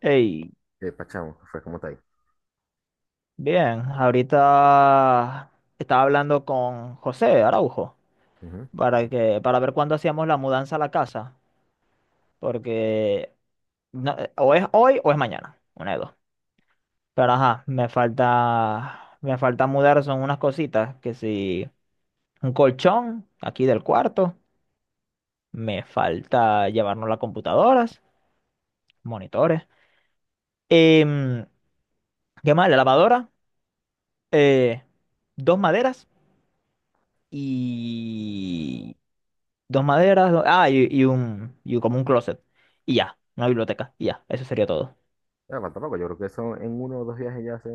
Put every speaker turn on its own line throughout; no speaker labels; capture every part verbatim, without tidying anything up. Hey,
eh, Pachamo, que fue, como está ahí?
bien, ahorita estaba hablando con José Araujo
Ujú.
para que, para ver cuándo hacíamos la mudanza a la casa, porque no- eh, o es hoy o es mañana, una de dos. Pero ajá, me falta, me falta mudar, son unas cositas, que si un colchón aquí del cuarto, me falta llevarnos las computadoras, monitores, em, ¿qué más? La lavadora, eh, dos maderas y dos maderas, do- ah, y, y un, y como un closet. Y ya, una biblioteca, y ya, eso sería todo.
Pero falta poco, yo creo que son en uno o dos viajes ya hace,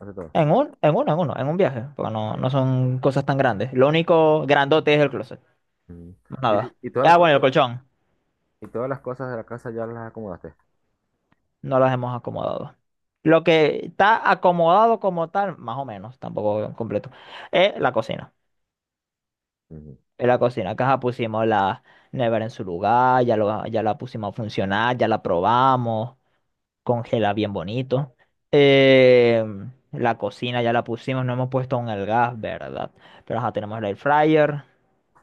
hace todo.
En un, en uno, en uno, en un viaje, porque no, no son cosas tan grandes. Lo único grandote es el closet,
Ujú.
más nada.
Y, y todas las
Ah, bueno, el
cosas,
colchón,
y todas las cosas de la casa ya las acomodaste.
no las hemos acomodado. Lo que está acomodado como tal, más o menos, tampoco completo, es la cocina.
Ujú.
Es la cocina, que ajá, pusimos la nevera en su lugar, ya, lo, ya la pusimos a funcionar, ya la probamos. Congela bien bonito. Eh, la cocina ya la pusimos, no hemos puesto aún el gas, ¿verdad? Pero ajá, tenemos el air fryer,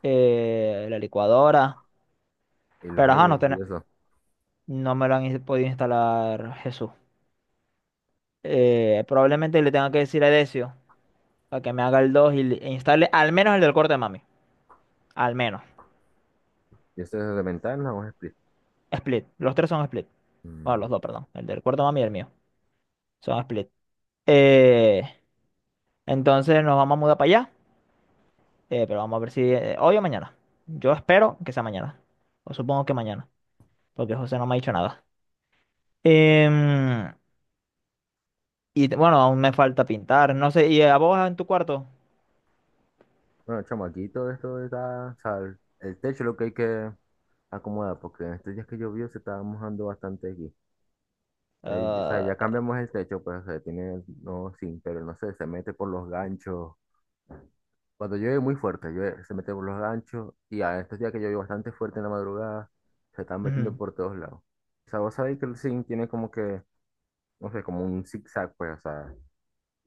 eh, la licuadora.
Y los
Pero ajá,
aires
no,
y
tene-
eso.
no me lo han ins- podido instalar Jesús. Eh, probablemente le tenga que decir a Decio para que me haga el dos y le- e instale al menos el del corte de mami. Al menos.
¿Y eso es de ventana o es split?
Split. Los tres son split. Bueno,
Mm.
los dos, perdón. El del cuarto de mami y el mío. Son split. Eh, entonces nos vamos a mudar para allá. Eh, pero vamos a ver si eh, hoy o mañana. Yo espero que sea mañana. O supongo que mañana, porque José no me ha dicho nada. Em, y te- bueno, aún me falta pintar. No sé, ¿y a vos en tu cuarto?
Bueno, chamo, aquí todo esto está, o sea, el, el techo es lo que hay que acomodar, porque en estos días que llovió se estaba mojando bastante aquí. Eh, o sea,
Ah,
ya cambiamos el techo, pues, o sea, tiene, no, sin, pero no sé, se mete por los ganchos. Cuando llueve muy fuerte, llueve, se mete por los ganchos y a estos días que llueve bastante fuerte en la madrugada, se están metiendo
ujú,
por todos lados. O sea, vos sabéis que el zinc tiene como que, no sé, como un zigzag, pues, o sea,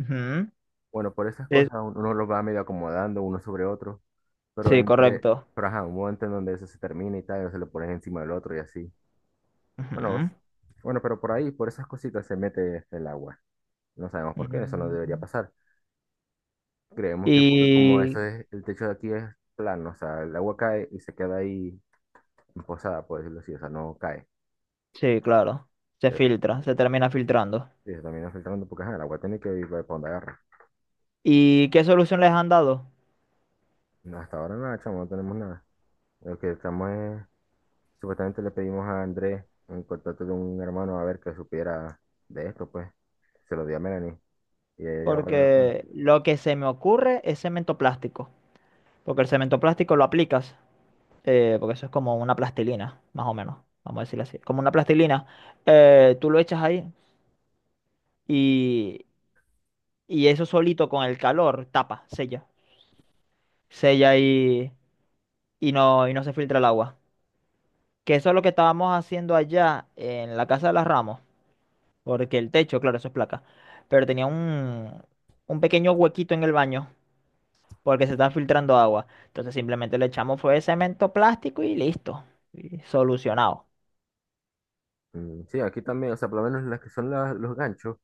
ujú.
bueno, por esas
Eh,
cosas un- uno los va medio acomodando uno sobre otro, pero
Sí,
entre,
correcto.
pero ajá, un momento en donde eso se termina y tal, se lo pones encima del otro y así. Bueno, vos,
Ujú.
bueno, pero por ahí, por esas cositas se mete este, el agua. No sabemos por qué, eso no debería
Mm.
pasar. Creemos que porque como eso
Y
es, el techo de aquí es plano, o sea, el agua cae y se queda ahí posada, por decirlo así, o sea, no cae.
sí, claro, se
Eh,
filtra, se termina filtrando.
eso también afecta tanto porque ajá, el agua tiene que ir para donde agarra.
¿Y qué solución les han dado?
No, hasta ahora nada, chamo, no tenemos nada. Lo que estamos es, supuestamente le pedimos a Andrés un contacto de un hermano a ver que supiera de esto, pues. Se lo di a Melanie y ella va a hablar con él.
Porque lo que se me ocurre es cemento plástico, porque el cemento plástico lo aplicas. Eh, porque eso es como una plastilina, más o menos, vamos a decirlo así. Como una plastilina, eh, tú lo echas ahí y, y eso solito con el calor tapa, sella, sella y, y no, y no se filtra el agua. Que eso es lo que estábamos haciendo allá en la casa de las Ramos, porque el techo, claro, eso es placa, pero tenía un, un pequeño huequito en el baño porque se está filtrando agua. Entonces simplemente le echamos fue cemento plástico y listo, y solucionado.
Mm, sí, aquí también, o sea, por lo menos las que son las- los ganchos,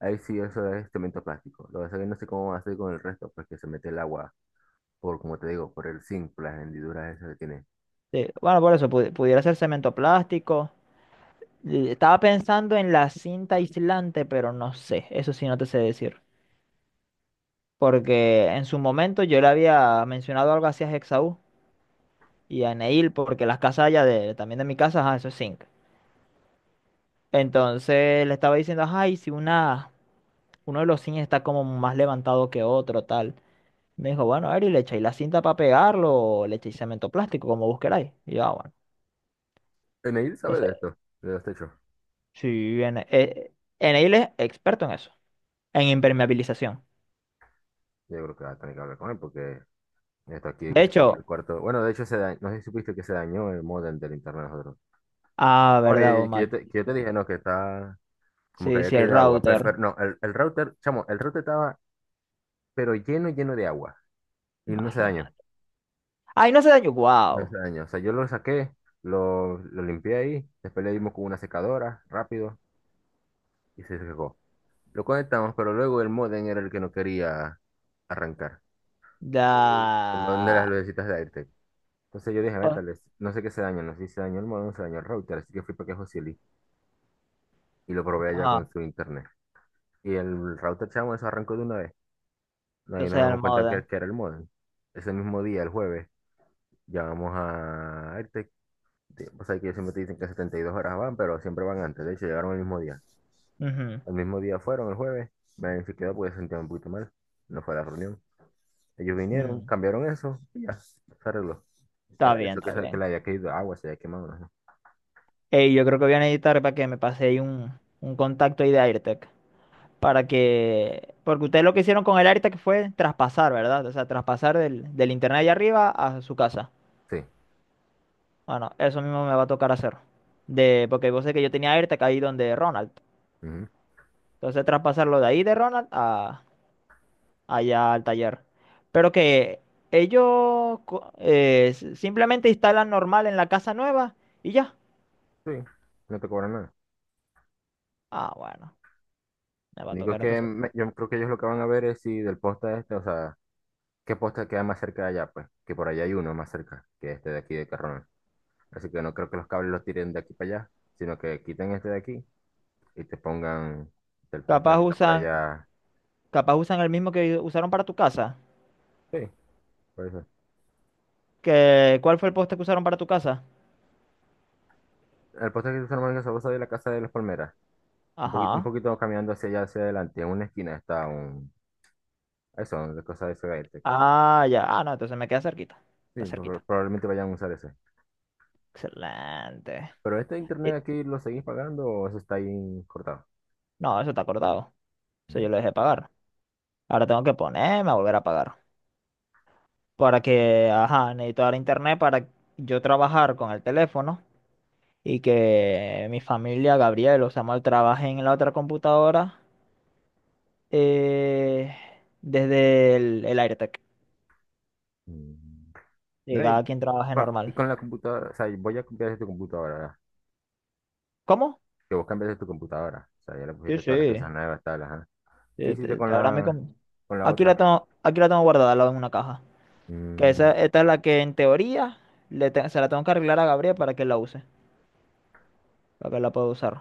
ahí sí eso es cemento plástico. Lo que pasa es que no sé cómo va a hacer con el resto, pues que se mete el agua por, como te digo, por el zinc, por las hendiduras esas que tiene.
Sí, bueno, por eso pu- pudiera ser cemento plástico. Y estaba pensando en la cinta aislante, pero no sé, eso sí no te sé decir. Porque en su momento yo le había mencionado algo así a Hexaú y a Neil, porque las casas allá de, también de mi casa, ajá, eso es zinc. Entonces le estaba diciendo, ajá, si una, uno de los zinc está como más levantado que otro, tal. Me dijo, bueno, Ari, le echáis la cinta para pegarlo, o le echáis cemento plástico, como vos queráis. Y yo, ah, bueno.
Eneil sabe de
Entonces,
esto, de los techos.
sí, en, eh, Neil es experto en eso. En impermeabilización.
Yo creo que va a tener que hablar con él porque esto aquí
De
que se moja
hecho,
el cuarto. Bueno, de hecho, se da- no sé si supiste que se dañó el modem del internet de nosotros.
ah,
Ahora,
verdad, oh,
que yo te, que yo te
maldito.
dije, no, que está como que
Sí,
había
sí, el
caído agua, pero,
router.
pero no, el, el router, chamo, el router estaba pero lleno, lleno de agua y no se dañó,
Imagínate. Ay, no se dañó.
no
Wow.
se dañó. O sea, yo lo saqué, lo, lo limpié ahí, después le dimos con una secadora rápido y se secó. Lo conectamos, pero luego el modem era el que no quería arrancar. El modem de las
Da.
lucecitas de aire. Entonces yo dije,
Oh,
métales, no sé qué se dañó, no sé si se dañó el modem, se dañó el router, así que fui para que Josili y lo probé allá
ajá.
con su internet. Y el router, chamo, eso arrancó de una vez. Ahí
Entonces
nos
el
damos cuenta que,
modem.
que era el modem. Ese mismo día, el jueves, llamamos a Airtec. de- O sea, que ellos siempre te dicen que setenta y dos horas van, pero siempre van antes. De hecho, llegaron el mismo día. El mismo día fueron, el jueves. Me verificado porque se sentía un poquito mal. No fue a la reunión. Ellos
Ujú,
vinieron,
mm,
cambiaron eso y ya, se arregló.
está
Era
bien,
eso, que,
está
se- que le
bien.
había caído agua, se había quemado, no sé.
Ey, yo creo que voy a necesitar para que me pase ahí un, un contacto ahí de AirTech. Para que. Porque ustedes lo que hicieron con el AirTech fue traspasar, ¿verdad? O sea, traspasar del, del internet allá arriba a su casa.
Sí.
Bueno, eso mismo me va a tocar hacer. De... Porque vos sé que yo tenía AirTech ahí donde Ronald.
Ujú.
Entonces traspasarlo de ahí de Ronald a allá al taller. Pero que ellos co- eh, s- simplemente instalan normal en la casa nueva y ya.
Sí, no te cobran nada.
Ah, bueno, me va
Lo
a
único es
tocar
que
entonces.
me- yo creo que ellos lo que van a ver es si del poste este, o sea, qué poste queda más cerca de allá, pues, que por allá hay uno más cerca que este de aquí de Carrón. Así que no creo que los cables los tiren de aquí para allá, sino que quiten este de aquí y te pongan del poste
Capaz
que está por
usan,
allá.
capaz usan el mismo que usaron para tu casa.
Sí, por eso.
¿Que cuál fue el poste que usaron para tu casa?
El poste que se normal en Gasosa de la Casa de las Palmeras. Un poquito, un
Ajá.
poquito caminando hacia allá, hacia adelante. En una esquina está un... Eso, de cosas de ese gaite.
Ah, ya. Ah, no, entonces me queda cerquita.
Sí,
Está
pro-
cerquita.
probablemente vayan a usar ese.
Excelente.
Pero este internet
Y-
aquí lo seguís pagando o eso está ahí cortado.
No, eso está acordado. Eso
Mm,
yo lo dejé pagar. Ahora tengo que ponerme a volver a pagar. Para que, ajá, necesito dar internet para yo trabajar con el teléfono y que mi familia, Gabriel o Samuel, trabajen en la otra computadora, eh, desde el, el AirTag.
mm.
Y
Mira, y
cada quien trabaje
con, y
normal.
con la computadora, o sea, voy a cambiar de tu computadora, ¿verdad?
¿Cómo?
Que vos cambiaste tu computadora, o sea, ya le
Sí,
pusiste todas las
sí.
piezas nuevas, tal, ajá. ¿Qué
Sí,
hiciste
te-
con
te- ahora me
la,
com-
con la
Aquí la
otra?
tengo, aquí la tengo guardada, al lado en una caja. Que esa,
Mm,
esta es la que en teoría le te- se la tengo que arreglar a Gabriel para que la use, para que la pueda usar.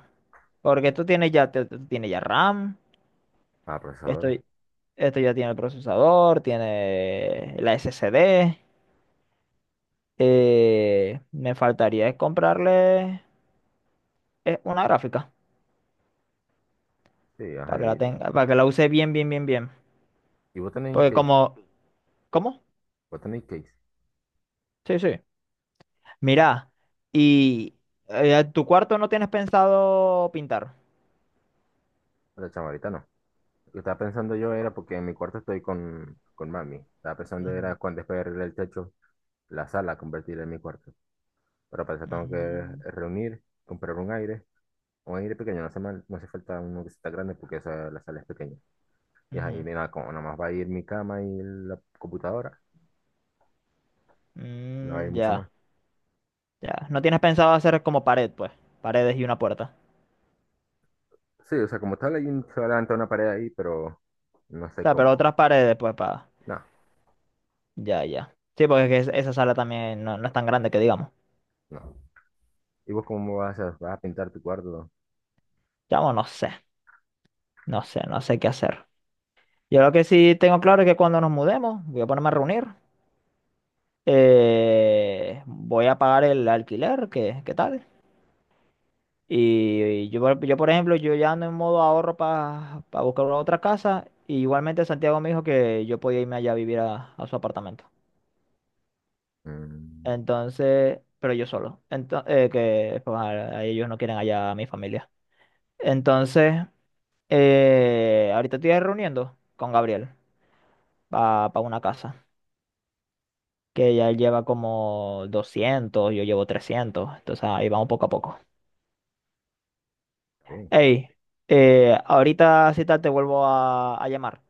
Porque esto tiene ya, te- te- tiene ya RAM.
ah, procesador,
Esto ya tiene el procesador, tiene la S S D. Eh, me faltaría es comprarle eh, una gráfica
sí,
para
ajá,
que la
y,
tenga, para que la use bien, bien, bien, bien.
y vos tenés
Porque
case,
como, ¿cómo?
vos tenés case,
Sí, sí. Mira, y eh, tu cuarto no tienes pensado pintar.
la chama, ahorita no. Lo que estaba pensando yo era porque en mi cuarto estoy con, con mami, estaba pensando era
Ujú,
cuando después de arreglar el techo, la sala, convertirla en mi cuarto, pero para eso tengo que
ujú,
reunir, comprar un aire, un aire pequeño, no hace mal, no hace falta uno que sea grande porque esa, la sala es pequeña. Y es ahí,
ujú.
mira, como nada más va a ir mi cama y la computadora, no va a ir
Mm,
mucho
ya,
más.
ya. No tienes pensado hacer como pared, pues. Paredes y una puerta.
Sí, o sea, como tal, hay un, se va a levantar una pared ahí, pero no
O
sé
sea, pero
cómo.
otras paredes, pues, para.
No,
Ya, ya. Sí, porque es que es- esa sala también no, no es tan grande que digamos.
no. ¿Y vos cómo vas a, vas a pintar tu cuarto?
Chamo, no sé, no sé, no sé qué hacer. Yo lo que sí tengo claro es que cuando nos mudemos, voy a ponerme a reunir, eh, voy a pagar el alquiler, que, ¿qué tal? Y, yo, por- yo, por ejemplo, yo ya ando en modo ahorro para buscar otra casa. Y igualmente Santiago me dijo que yo podía irme allá a vivir a, a su apartamento.
Mm,
Entonces, pero yo solo. Entonces, que pues, a- a ellos no quieren allá a mi familia. Entonces, eh, ahorita estoy reuniendo con Gabriel para una casa. Que ya él lleva como doscientos, yo llevo trescientos, entonces ahí vamos poco a poco.
está bien,
Hey, eh, ahorita si tal te vuelvo a, a llamar,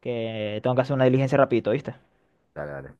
que tengo que hacer una diligencia rapidito, ¿viste?
dale, dale.